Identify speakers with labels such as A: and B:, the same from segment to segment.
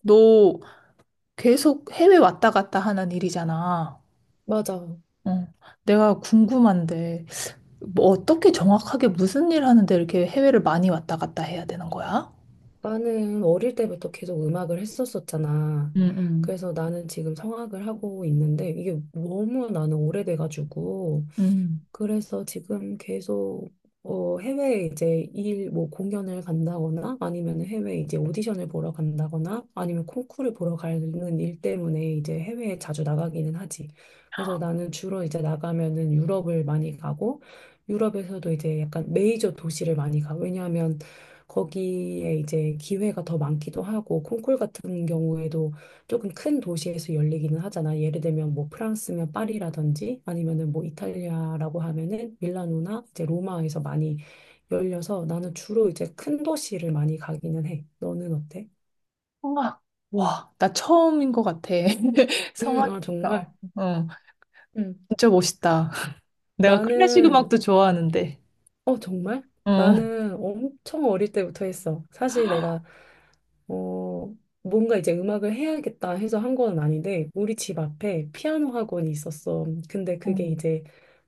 A: 너 계속 해외 왔다 갔다 하는 일이잖아.
B: 맞아.
A: 어. 내가 궁금한데, 어떻게 정확하게 무슨 일 하는데 이렇게 해외를 많이 왔다 갔다 해야 되는 거야?
B: 나는 어릴 때부터 계속 음악을 했었었잖아.
A: 응, 응,
B: 그래서 나는 지금 성악을 하고 있는데 이게 너무 나는 오래돼가지고
A: 응.
B: 그래서 지금 계속 해외에 이제 일, 뭐 공연을 간다거나 아니면 해외 이제 오디션을 보러 간다거나 아니면 콩쿠르 보러 가는 일 때문에 이제 해외에 자주 나가기는 하지. 그래서 나는 주로 이제 나가면은 유럽을 많이 가고 유럽에서도 이제 약간 메이저 도시를 많이 가. 왜냐하면 거기에 이제 기회가 더 많기도 하고 콩쿨 같은 경우에도 조금 큰 도시에서 열리기는 하잖아. 예를 들면 뭐 프랑스면 파리라든지 아니면은 뭐 이탈리아라고 하면은 밀라노나 이제 로마에서 많이 열려서 나는 주로 이제 큰 도시를 많이 가기는 해. 너는 어때?
A: 성악. 와, 나 처음인 것 같아.
B: 아,
A: 성악이니까.
B: 정말.
A: 어, 어,
B: 음.
A: 진짜 멋있다. 내가 클래식
B: 나는,
A: 음악도 좋아하는데.
B: 어, 정말?
A: 어,
B: 나는 엄청 어릴 때부터 했어. 사실 내가, 어, 뭔가 이제 음악을 해야겠다 해서 한 건 아닌데, 우리 집 앞에 피아노 학원이 있었어. 근데
A: 어,
B: 그게 이제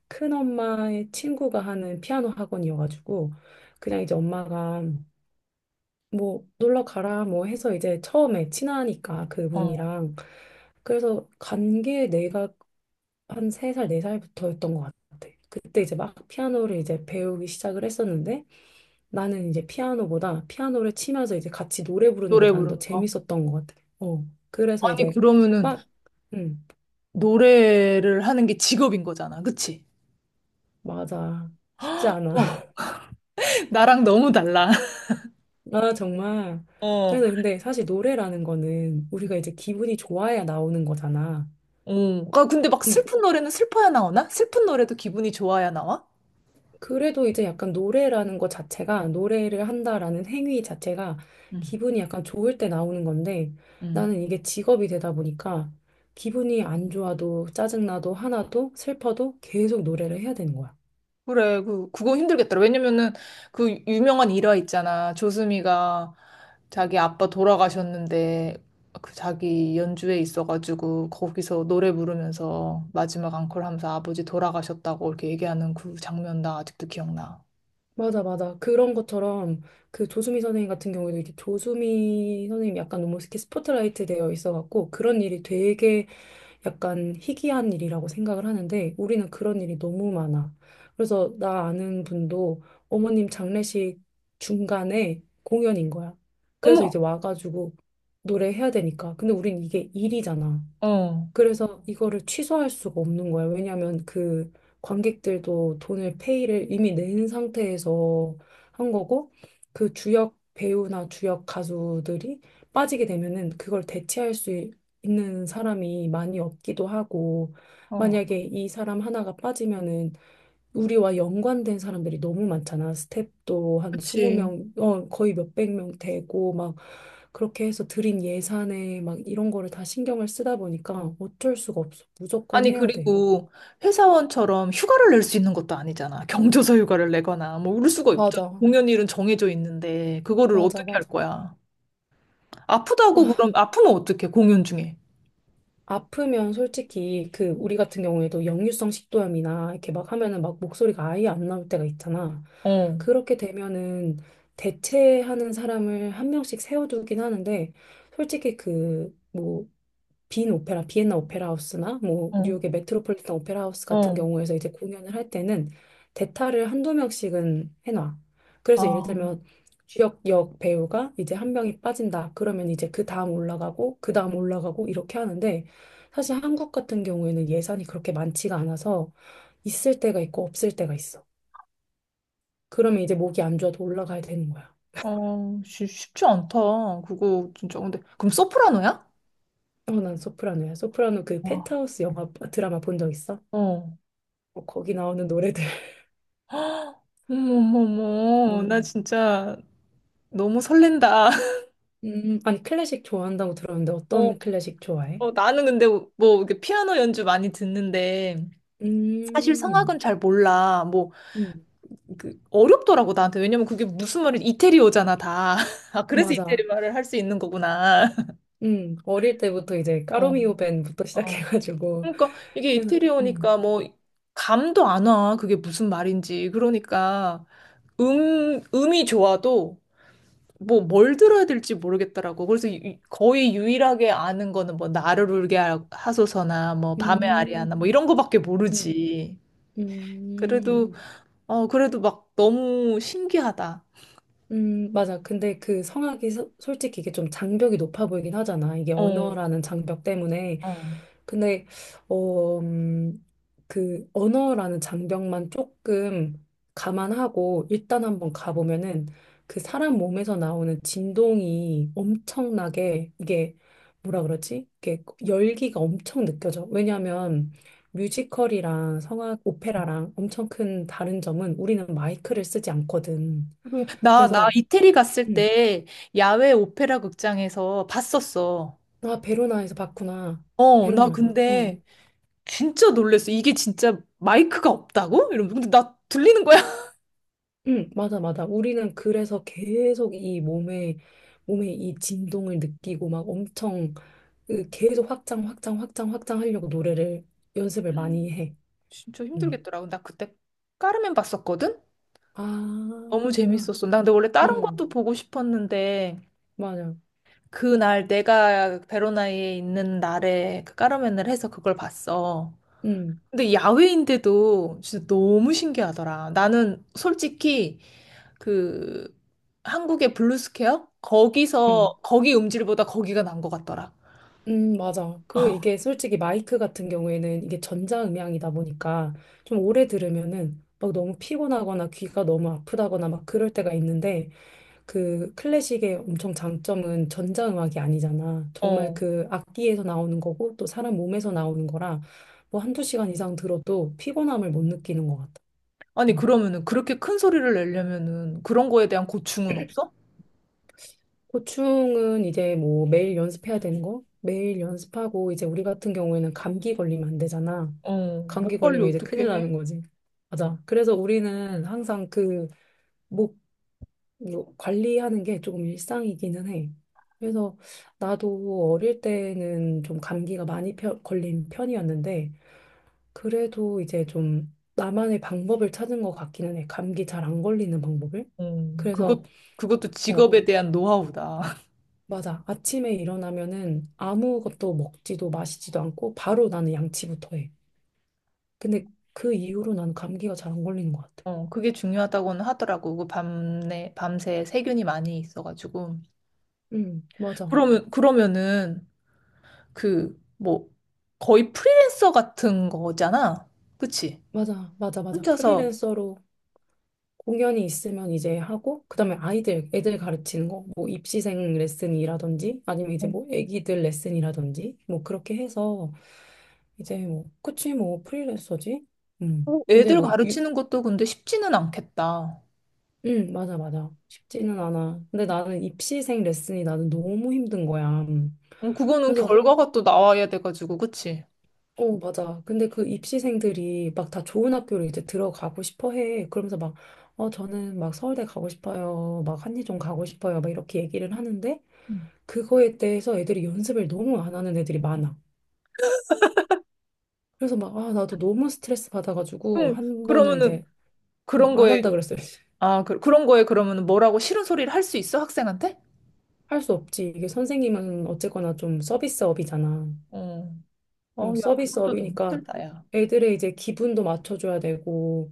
B: 큰엄마의 친구가 하는 피아노 학원이어가지고 그냥 이제 엄마가 뭐 놀러 가라 뭐 해서 이제 처음에 친하니까
A: 어.
B: 그분이랑 그래서 간 게 내가 한 세 살 네살부터였던것 같아. 그때 이제 막 피아노를 이제 배우기 시작을 했었는데 나는 이제 피아노보다 피아노를 치면서 이제 같이 노래 부르는 게
A: 노래
B: 나는 더
A: 부르는 거.
B: 재밌었던 것 같아. 어. 그래서
A: 아니,
B: 이제
A: 그러면은
B: 막, 음,
A: 노래를 하는 게 직업인 거잖아. 그치?
B: 맞아. 쉽지 않아.
A: 와, 나랑 너무 달라.
B: 아, 정말.
A: 어.
B: 그래서 근데 사실 노래라는 거는 우리가 이제 기분이 좋아야 나오는 거잖아.
A: 오, 그 근데 막
B: 음,
A: 슬픈 노래는 슬퍼야 나오나? 슬픈 노래도 기분이 좋아야 나와?
B: 그래도 이제 약간 노래라는 거 자체가, 노래를 한다라는 행위 자체가
A: 응,
B: 기분이 약간 좋을 때 나오는 건데
A: 응,
B: 나는 이게 직업이 되다 보니까 기분이 안 좋아도 짜증나도 하나도 슬퍼도 계속 노래를 해야 되는 거야.
A: 그래, 그거 힘들겠더라. 왜냐면은 그 유명한 일화 있잖아. 조수미가 자기 아빠 돌아가셨는데 그 자기 연주회 있어가지고 거기서 노래 부르면서 마지막 앙콜 하면서 아버지 돌아가셨다고 이렇게 얘기하는 그 장면 나 아직도 기억나.
B: 맞아, 맞아. 그런 것처럼 그 조수미 선생님 같은 경우에도 이게 조수미 선생님 약간 너무 이렇게 스포트라이트 되어 있어갖고 그런 일이 되게 약간 희귀한 일이라고 생각을 하는데 우리는 그런 일이 너무 많아. 그래서 나 아는 분도 어머님 장례식 중간에 공연인 거야. 그래서
A: 어머!
B: 이제 와가지고 노래해야 되니까. 근데 우린 이게 일이잖아.
A: 어,
B: 그래서 이거를 취소할 수가 없는 거예요. 왜냐하면 그 관객들도 돈을 페이를 이미 낸 상태에서 한 거고 그 주역 배우나 주역 가수들이 빠지게 되면은 그걸 대체할 있는 사람이 많이 없기도 하고
A: 어,
B: 만약에 이 사람 하나가 빠지면은 우리와 연관된 사람들이 너무 많잖아. 스텝도 한
A: 그치.
B: 20명, 어, 거의 몇백 명 되고, 막, 그렇게 해서 들인 예산에 막 이런 거를 다 신경을 쓰다 보니까 어쩔 수가 없어. 무조건
A: 아니,
B: 해야 돼.
A: 그리고 회사원처럼 휴가를 낼 수 있는 것도 아니잖아. 경조사 휴가를 내거나, 뭐, 울 수가 없잖아.
B: 맞아,
A: 공연일은 정해져 있는데, 그거를
B: 맞아,
A: 어떻게 할
B: 맞아.
A: 거야? 아프다고
B: 아,
A: 그럼, 아프면 어떡해, 공연 중에.
B: 아프면 솔직히 그 우리 같은 경우에도 역류성 식도염이나 이렇게 막 하면은 막 목소리가 아예 안 나올 때가 있잖아.
A: 어,
B: 그렇게 되면은 대체하는 사람을 한 명씩 세워두긴 하는데 솔직히 그뭐 빈 오페라, 비엔나 오페라 하우스나 뭐
A: 어,
B: 뉴욕의 메트로폴리탄 오페라 하우스 같은
A: 어.
B: 경우에서 이제 공연을 할 때는 대타를 1~2명씩은 해놔. 그래서 예를
A: 아,
B: 들면 주역 역 배우가 이제 한 명이 빠진다. 그러면 이제 그 다음 올라가고 그 다음 올라가고 이렇게 하는데 사실 한국 같은 경우에는 예산이 그렇게 많지가 않아서 있을 때가 있고 없을 때가 있어. 그러면 이제 목이 안 좋아도 올라가야 되는 거야.
A: 어, 쉽지 않다. 그거 진짜. 근데, 그럼 소프라노야?
B: 어, 난 소프라노야. 소프라노 그
A: 와,
B: 펜트하우스 영화 드라마 본 적 있어?
A: 어.
B: 어, 거기 나오는 노래들. 뭐,
A: 어머머머, 나 진짜 너무 설렌다.
B: 아니 클래식 좋아한다고 들었는데
A: 어,
B: 어떤 클래식 좋아해?
A: 어, 나는 근데 뭐, 이렇게 피아노 연주 많이 듣는데, 사실 성악은
B: 음,
A: 잘 몰라. 뭐,
B: 음,
A: 그 어렵더라고 나한테 왜냐면 그게 무슨 말이 이태리어잖아 다. 아 그래서 이태리
B: 맞아.
A: 말을 할 수 있는 거구나.
B: 어릴 때부터 이제
A: 어,
B: 까로미오 밴부터
A: 어.
B: 시작해가지고
A: 그러니까 이게
B: 그래서 음,
A: 이태리어니까 뭐 감도 안 와. 그게 무슨 말인지. 그러니까 음이 좋아도 뭐 뭘 들어야 될지 모르겠더라고. 그래서 거의 유일하게 아는 거는 뭐 나를 울게 하소서나 뭐 밤의 아리아나
B: 음,
A: 뭐 이런 거밖에
B: 음,
A: 모르지.
B: 음.
A: 그래도 어 그래도 막 너무 신기하다.
B: 맞아. 근데 그 성악이 솔직히 이게 좀 장벽이 높아 보이긴 하잖아. 이게
A: 어,
B: 언어라는 장벽 때문에.
A: 어.
B: 근데, 어, 그 언어라는 장벽만 조금 감안하고 일단 한번 가보면은 그 사람 몸에서 나오는 진동이 엄청나게 이게 뭐라 그러지? 이게 열기가 엄청 느껴져. 왜냐하면 뮤지컬이랑 성악, 오페라랑 엄청 큰 다른 점은 우리는 마이크를 쓰지 않거든.
A: 그리고 나
B: 그래서
A: 이태리 갔을
B: 응.
A: 때 야외 오페라 극장에서 봤었어.
B: 아, 베로나에서 봤구나.
A: 어,
B: 베로나
A: 나
B: 맞나? 어.
A: 근데 진짜 놀랬어. 이게 진짜 마이크가 없다고? 이러면서. 근데 나 들리는 거야.
B: 응, 맞아, 맞아. 우리는 그래서 계속 이 몸에, 몸에 이 진동을 느끼고 막 엄청 그 계속 확장, 확장, 확장, 확장 하려고 노래를 연습을 많이 해.
A: 진짜
B: 응.
A: 힘들겠더라고. 나 그때 까르멘 봤었거든?
B: 아,
A: 너무 재밌었어. 나 근데 원래 다른
B: 응,
A: 것도 보고 싶었는데
B: 맞아.
A: 그날 내가 베로나에 있는 날에 그 까르멘을 해서 그걸 봤어.
B: 응,
A: 근데 야외인데도 진짜 너무 신기하더라. 나는 솔직히 그 한국의 블루스퀘어?
B: 응,
A: 거기서 거기 음질보다 거기가 난 것 같더라.
B: 응, 맞아. 그리고 이게 솔직히 마이크 같은 경우에는 이게 전자음향이다 보니까 좀 오래 들으면은 막 너무 피곤하거나 귀가 너무 아프다거나 막 그럴 때가 있는데 그 클래식의 엄청 장점은 전자음악이 아니잖아. 정말
A: 어.
B: 그 악기에서 나오는 거고 또 사람 몸에서 나오는 거라 뭐 1~2시간 이상 들어도 피곤함을 못 느끼는 것 같아.
A: 아니
B: 음.
A: 그러면은 그렇게 큰 소리를 내려면은 그런 거에 대한 고충은 없어?
B: 고충은 이제 뭐 매일 연습해야 되는 거? 매일 연습하고 이제 우리 같은 경우에는 감기 걸리면 안 되잖아.
A: 어.
B: 감기
A: 목 관리
B: 걸리면 이제
A: 어떻게
B: 큰일
A: 해?
B: 나는 거지. 맞아. 그래서 우리는 항상 그목 이거 관리하는 게 조금 일상이기는 해. 그래서 나도 어릴 때는 좀 감기가 많이 걸린 편이었는데, 그래도 이제 좀 나만의 방법을 찾은 것 같기는 해. 감기 잘 안 걸리는 방법을.
A: 어.
B: 그래서,
A: 그것 그것도
B: 어,
A: 직업에 대한 노하우다.
B: 맞아. 아침에 일어나면은 아무것도 먹지도 마시지도 않고, 바로 나는 양치부터 해. 근데 그 이후로 나는 감기가 잘 안 걸리는 것 같아.
A: 어, 그게 중요하다고는 하더라고. 그 밤에 밤새 세균이 많이 있어가지고.
B: 응, 맞아.
A: 그러면은 그 뭐 거의 프리랜서 같은 거잖아. 그치?
B: 맞아, 맞아, 맞아.
A: 혼자서
B: 프리랜서로 공연이 있으면 이제 하고, 그다음에 아이들, 애들 가르치는 거, 뭐 입시생 레슨이라든지, 아니면 이제
A: 어.
B: 뭐 애기들 레슨이라든지, 뭐 그렇게 해서, 이제 뭐, 그치, 뭐 프리랜서지?
A: 어,
B: 이제
A: 애들
B: 뭐, 유,
A: 가르치는 것도 근데 쉽지는 않겠다.
B: 맞아, 맞아. 쉽지는 않아. 근데 나는 입시생 레슨이 나는 너무 힘든 거야.
A: 어, 그거는
B: 그래서,
A: 결과가 또 나와야 돼가지고, 그치?
B: 어, 맞아. 근데 그 입시생들이 막 다 좋은 학교로 이제 들어가고 싶어 해. 그러면서 막, 어, 저는 막 서울대 가고 싶어요. 막 한예종 가고 싶어요. 막 이렇게 얘기를 하는데,
A: 음.
B: 그거에 대해서 애들이 연습을 너무 안 하는 애들이 많아. 그래서 막, 아, 나도 너무 스트레스 받아가지고,
A: 응,
B: 한 번은 이제,
A: 그런
B: 안
A: 거에,
B: 한다 그랬어요.
A: 아, 그, 런 거에 그러면은 뭐라고 싫은 소리를 할 수 있어, 학생한테?
B: 할 수 없지. 이게 선생님은 어쨌거나 좀 서비스업이잖아.
A: 어,
B: 어,
A: 어, 야, 그것도 너무
B: 서비스업이니까
A: 힘들다, 야.
B: 애들의 이제 기분도 맞춰줘야 되고,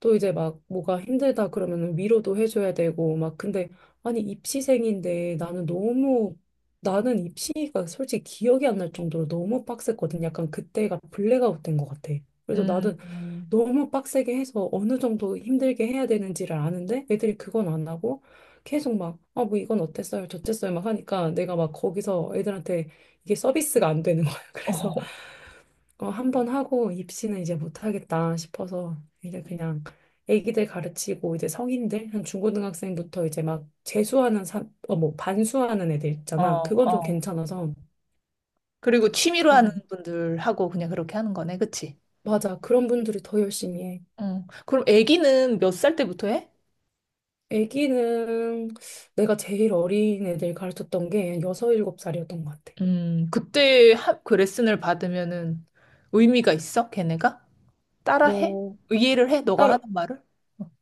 B: 또 이제 막 뭐가 힘들다 그러면 위로도 해줘야 되고, 막 근데, 아니, 입시생인데 나는 너무, 나는 입시가 솔직히 기억이 안 날 정도로 너무 빡셌거든. 약간 그때가 블랙아웃 된 것 같아. 그래서
A: 음,
B: 나도
A: 음.
B: 너무 빡세게 해서 어느 정도 힘들게 해야 되는지를 아는데 애들이 그건 안 하고 계속 막, 아, 뭐 이건 어땠어요? 저쨌어요? 막 하니까 내가 막 거기서 애들한테 이게 서비스가 안 되는 거야. 그래서
A: 어,
B: 어, 한 번 하고 입시는 이제 못 하겠다 싶어서 이제 그냥 애기들 가르치고 이제 성인들 한 중고등학생부터 이제 막 재수하는 뭐 반수하는 애들
A: 어,
B: 있잖아. 그건 좀
A: 어.
B: 괜찮아서
A: 그리고 취미로 하는
B: 그런
A: 분들하고 그냥 그렇게 하는 거네, 그치?
B: 맞아. 그런 분들이 더 열심히 해.
A: 응. 그럼 애기는 몇 살 때부터 해?
B: 아기는 내가 제일 어린 애들 가르쳤던 게 여섯, 일곱 살이었던 것 같아.
A: 그 레슨을 받으면은 의미가 있어, 걔네가? 따라해?
B: 어,
A: 이해를 해? 너가
B: 딸,
A: 하는 말을?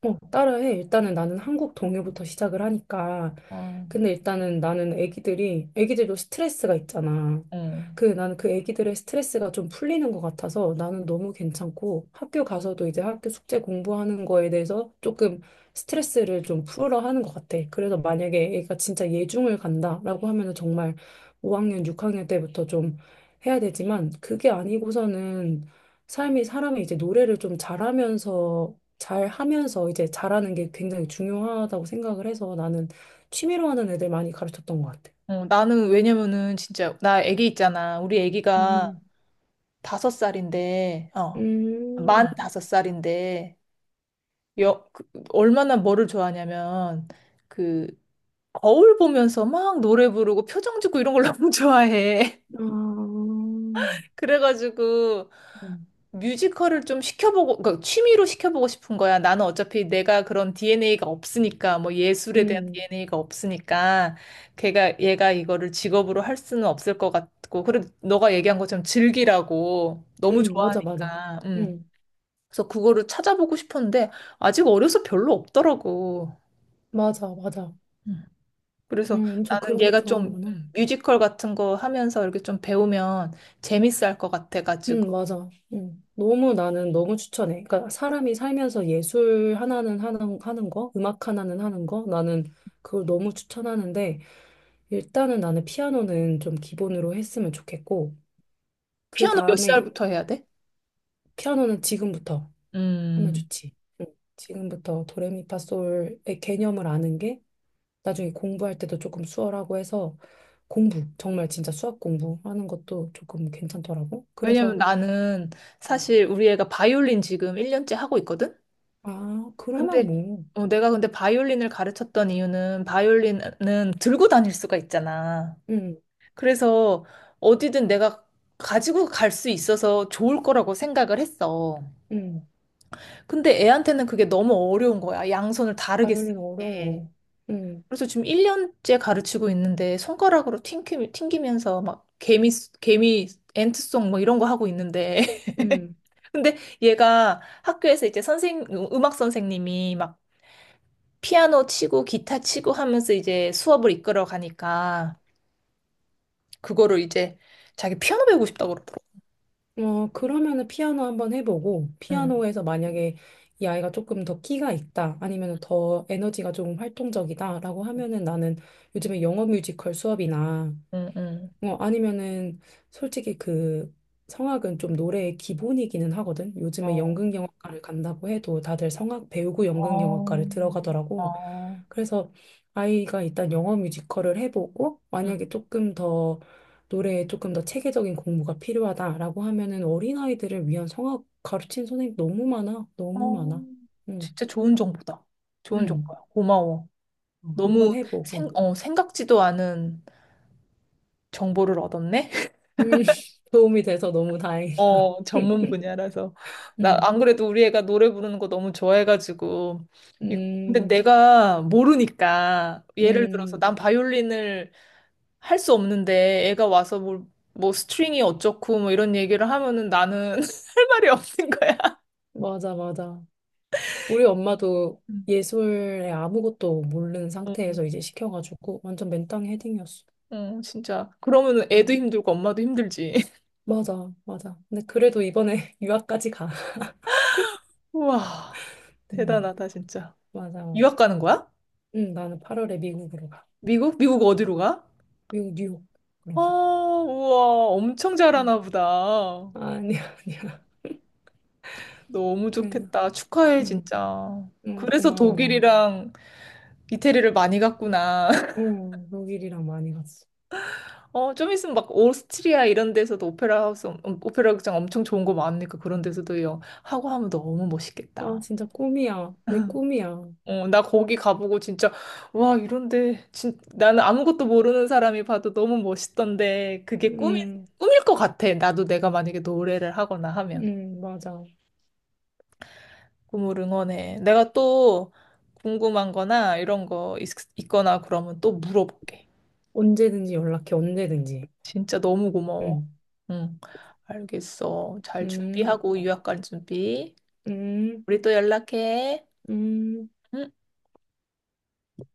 B: 따라 해. 일단은 나는 한국 동요부터 시작을 하니까.
A: 어,
B: 근데 일단은 나는 애기들이, 애기들도 스트레스가 있잖아.
A: 어,
B: 그, 나는 그 애기들의 스트레스가 좀 풀리는 것 같아서 나는 너무 괜찮고 학교 가서도 이제 학교 숙제 공부하는 거에 대해서 조금 스트레스를 좀 풀어 하는 것 같아. 그래서 만약에 애가 진짜 예중을 간다라고 하면은 정말 5학년, 6학년 때부터 좀 해야 되지만 그게 아니고서는 삶이 사람이 이제 노래를 좀 잘하면서 잘 하면서 이제 잘하는 게 굉장히 중요하다고 생각을 해서 나는 취미로 하는 애들 많이 가르쳤던 것 같아.
A: 어, 나는 왜냐면은 진짜 나 애기 있잖아. 우리 애기가
B: 음,
A: 다섯 살인데, 어, 만
B: 음,
A: 다섯 살인데, 여, 그, 얼마나 뭐를 좋아하냐면 그 거울 보면서 막 노래 부르고 표정 짓고 이런 걸 너무 좋아해.
B: 아,
A: 그래가지고 뮤지컬을 좀 시켜보고, 그러니까 취미로 시켜보고 싶은 거야. 나는 어차피 내가 그런 DNA가 없으니까, 뭐 예술에 대한
B: 음.
A: DNA가 없으니까, 얘가 이거를 직업으로 할 수는 없을 것 같고, 그리고 너가 얘기한 것처럼 즐기라고 너무
B: 맞아, 맞아.
A: 좋아하니까,
B: 음,
A: 그래서 그거를 찾아보고 싶었는데, 아직 어려서 별로 없더라고.
B: 맞아, 맞아.
A: 음. 그래서
B: 엄청
A: 나는
B: 그런 걸
A: 얘가 좀
B: 좋아하는구나.
A: 뮤지컬 같은 거 하면서 이렇게 좀 배우면 재밌어 할 것 같아가지고,
B: 맞아. 너무 나는 너무 추천해. 그러니까 사람이 살면서 예술 하나는 하는, 하는 거, 음악 하나는 하는 거, 나는 그걸 너무 추천하는데, 일단은 나는 피아노는 좀 기본으로 했으면 좋겠고, 그
A: 피아노 몇
B: 다음에
A: 살부터 해야 돼?
B: 피아노는 지금부터 하면
A: 음.
B: 좋지. 응. 지금부터 도레미파솔의 개념을 아는 게 나중에 공부할 때도 조금 수월하고 해서 공부, 정말 진짜 수학 공부하는 것도 조금 괜찮더라고. 그래서
A: 왜냐면 나는
B: 음.
A: 사실 우리 애가 바이올린 지금 1년째 하고 있거든?
B: 아, 그러면
A: 근데
B: 뭐.
A: 어, 내가 근데 바이올린을 가르쳤던 이유는 바이올린은 들고 다닐 수가 있잖아.
B: 응,
A: 그래서 어디든 내가 가지고 갈 수 있어서 좋을 거라고 생각을 했어.
B: 응.
A: 근데 애한테는 그게 너무 어려운 거야. 양손을 다르게 쓰는
B: 바이올린
A: 게.
B: 어려워. 응,
A: 그래서 지금 1년째 가르치고 있는데 손가락으로 튕기면서 막 개미 엔트송 뭐 이런 거 하고 있는데
B: 응.
A: 근데 얘가 학교에서 이제 음악 선생님이 막 피아노 치고 기타 치고 하면서 이제 수업을 이끌어 가니까 그거를 이제 자기 피아노 배우고 싶다고 그러더라고.
B: 어, 그러면은 피아노 한번 해보고,
A: 응,
B: 피아노에서 만약에 이 아이가 조금 더 끼가 있다, 아니면 더 에너지가 좀 활동적이다라고 하면은 나는 요즘에 영어 뮤지컬 수업이나,
A: 응, 응.
B: 어, 아니면은 솔직히 그 성악은 좀 노래의 기본이기는 하거든. 요즘에
A: 어,
B: 연극영화과를 간다고 해도 다들 성악 배우고
A: 어,
B: 연극영화과를 들어가더라고.
A: 어,
B: 그래서 아이가 일단 영어 뮤지컬을 해보고
A: 응.
B: 만약에 조금 더 노래에 조금 더 체계적인 공부가 필요하다라고 하면은 어린아이들을 위한 성악 가르친 선생님 너무 많아.
A: 어,
B: 너무 많아. 응.
A: 진짜 좋은 정보다. 좋은
B: 응.
A: 정보야. 고마워.
B: 어,
A: 너무
B: 한번 해보고.
A: 생각지도 않은 정보를 얻었네.
B: 음, 도움이 돼서 너무 다행이다.
A: 어, 전문 분야라서. 나
B: 음,
A: 안 그래도 우리 애가 노래 부르는 거 너무 좋아해가지고. 이- 근데
B: 음,
A: 내가 모르니까 예를 들어서
B: 음,
A: 난 바이올린을 할 수 없는데 뭐 스트링이 어쩌고 뭐 이런 얘기를 하면은 나는 할 말이 없는 거야.
B: 맞아, 맞아. 우리 엄마도
A: 음.
B: 예술에 아무것도 모르는
A: 어,
B: 상태에서 이제 시켜가지고 완전 맨땅에 헤딩이었어.
A: 어, 진짜. 그러면은 애도
B: 응.
A: 힘들고 엄마도 힘들지.
B: 맞아, 맞아. 근데 그래도 이번에 유학까지 가.
A: 우와,
B: 음,
A: 대단하다, 진짜.
B: 맞아, 맞아.
A: 유학 가는 거야?
B: 응, 나는 8월에 미국으로 가.
A: 미국? 미국 어디로 가?
B: 미국, 뉴욕.
A: 아,
B: 그런 가.
A: 우와, 엄청
B: 응.
A: 잘하나 보다.
B: 아, 아니야, 아니야.
A: 너무
B: 그래서,
A: 좋겠다. 축하해,
B: 응,
A: 진짜.
B: 응,
A: 그래서
B: 고마워.
A: 독일이랑 이태리를 많이 갔구나.
B: 어, 독일이랑 많이 갔어.
A: 어, 좀 있으면 막 오스트리아 이런 데서도 오페라 하우스, 오페라 극장 엄청 좋은 거 많으니까 그런 데서도 하고 하면 너무
B: 아,
A: 멋있겠다.
B: 진짜 꿈이야. 내 꿈이야.
A: 어, 나 거기 가보고 와, 나는 아무것도 모르는 사람이 봐도 너무 멋있던데,
B: 응,
A: 꿈일 것 같아. 나도 내가 만약에 노래를 하거나 하면.
B: 응, 맞아.
A: 꿈을 응원해. 내가 또 궁금한 거나 있거나 그러면 또 물어볼게.
B: 언제든지 연락해, 언제든지.
A: 진짜 너무 고마워.
B: 응,
A: 응, 알겠어. 잘
B: 응,
A: 준비하고 유학 갈 준비.
B: 응,
A: 우리 또 연락해.
B: 응.
A: 응.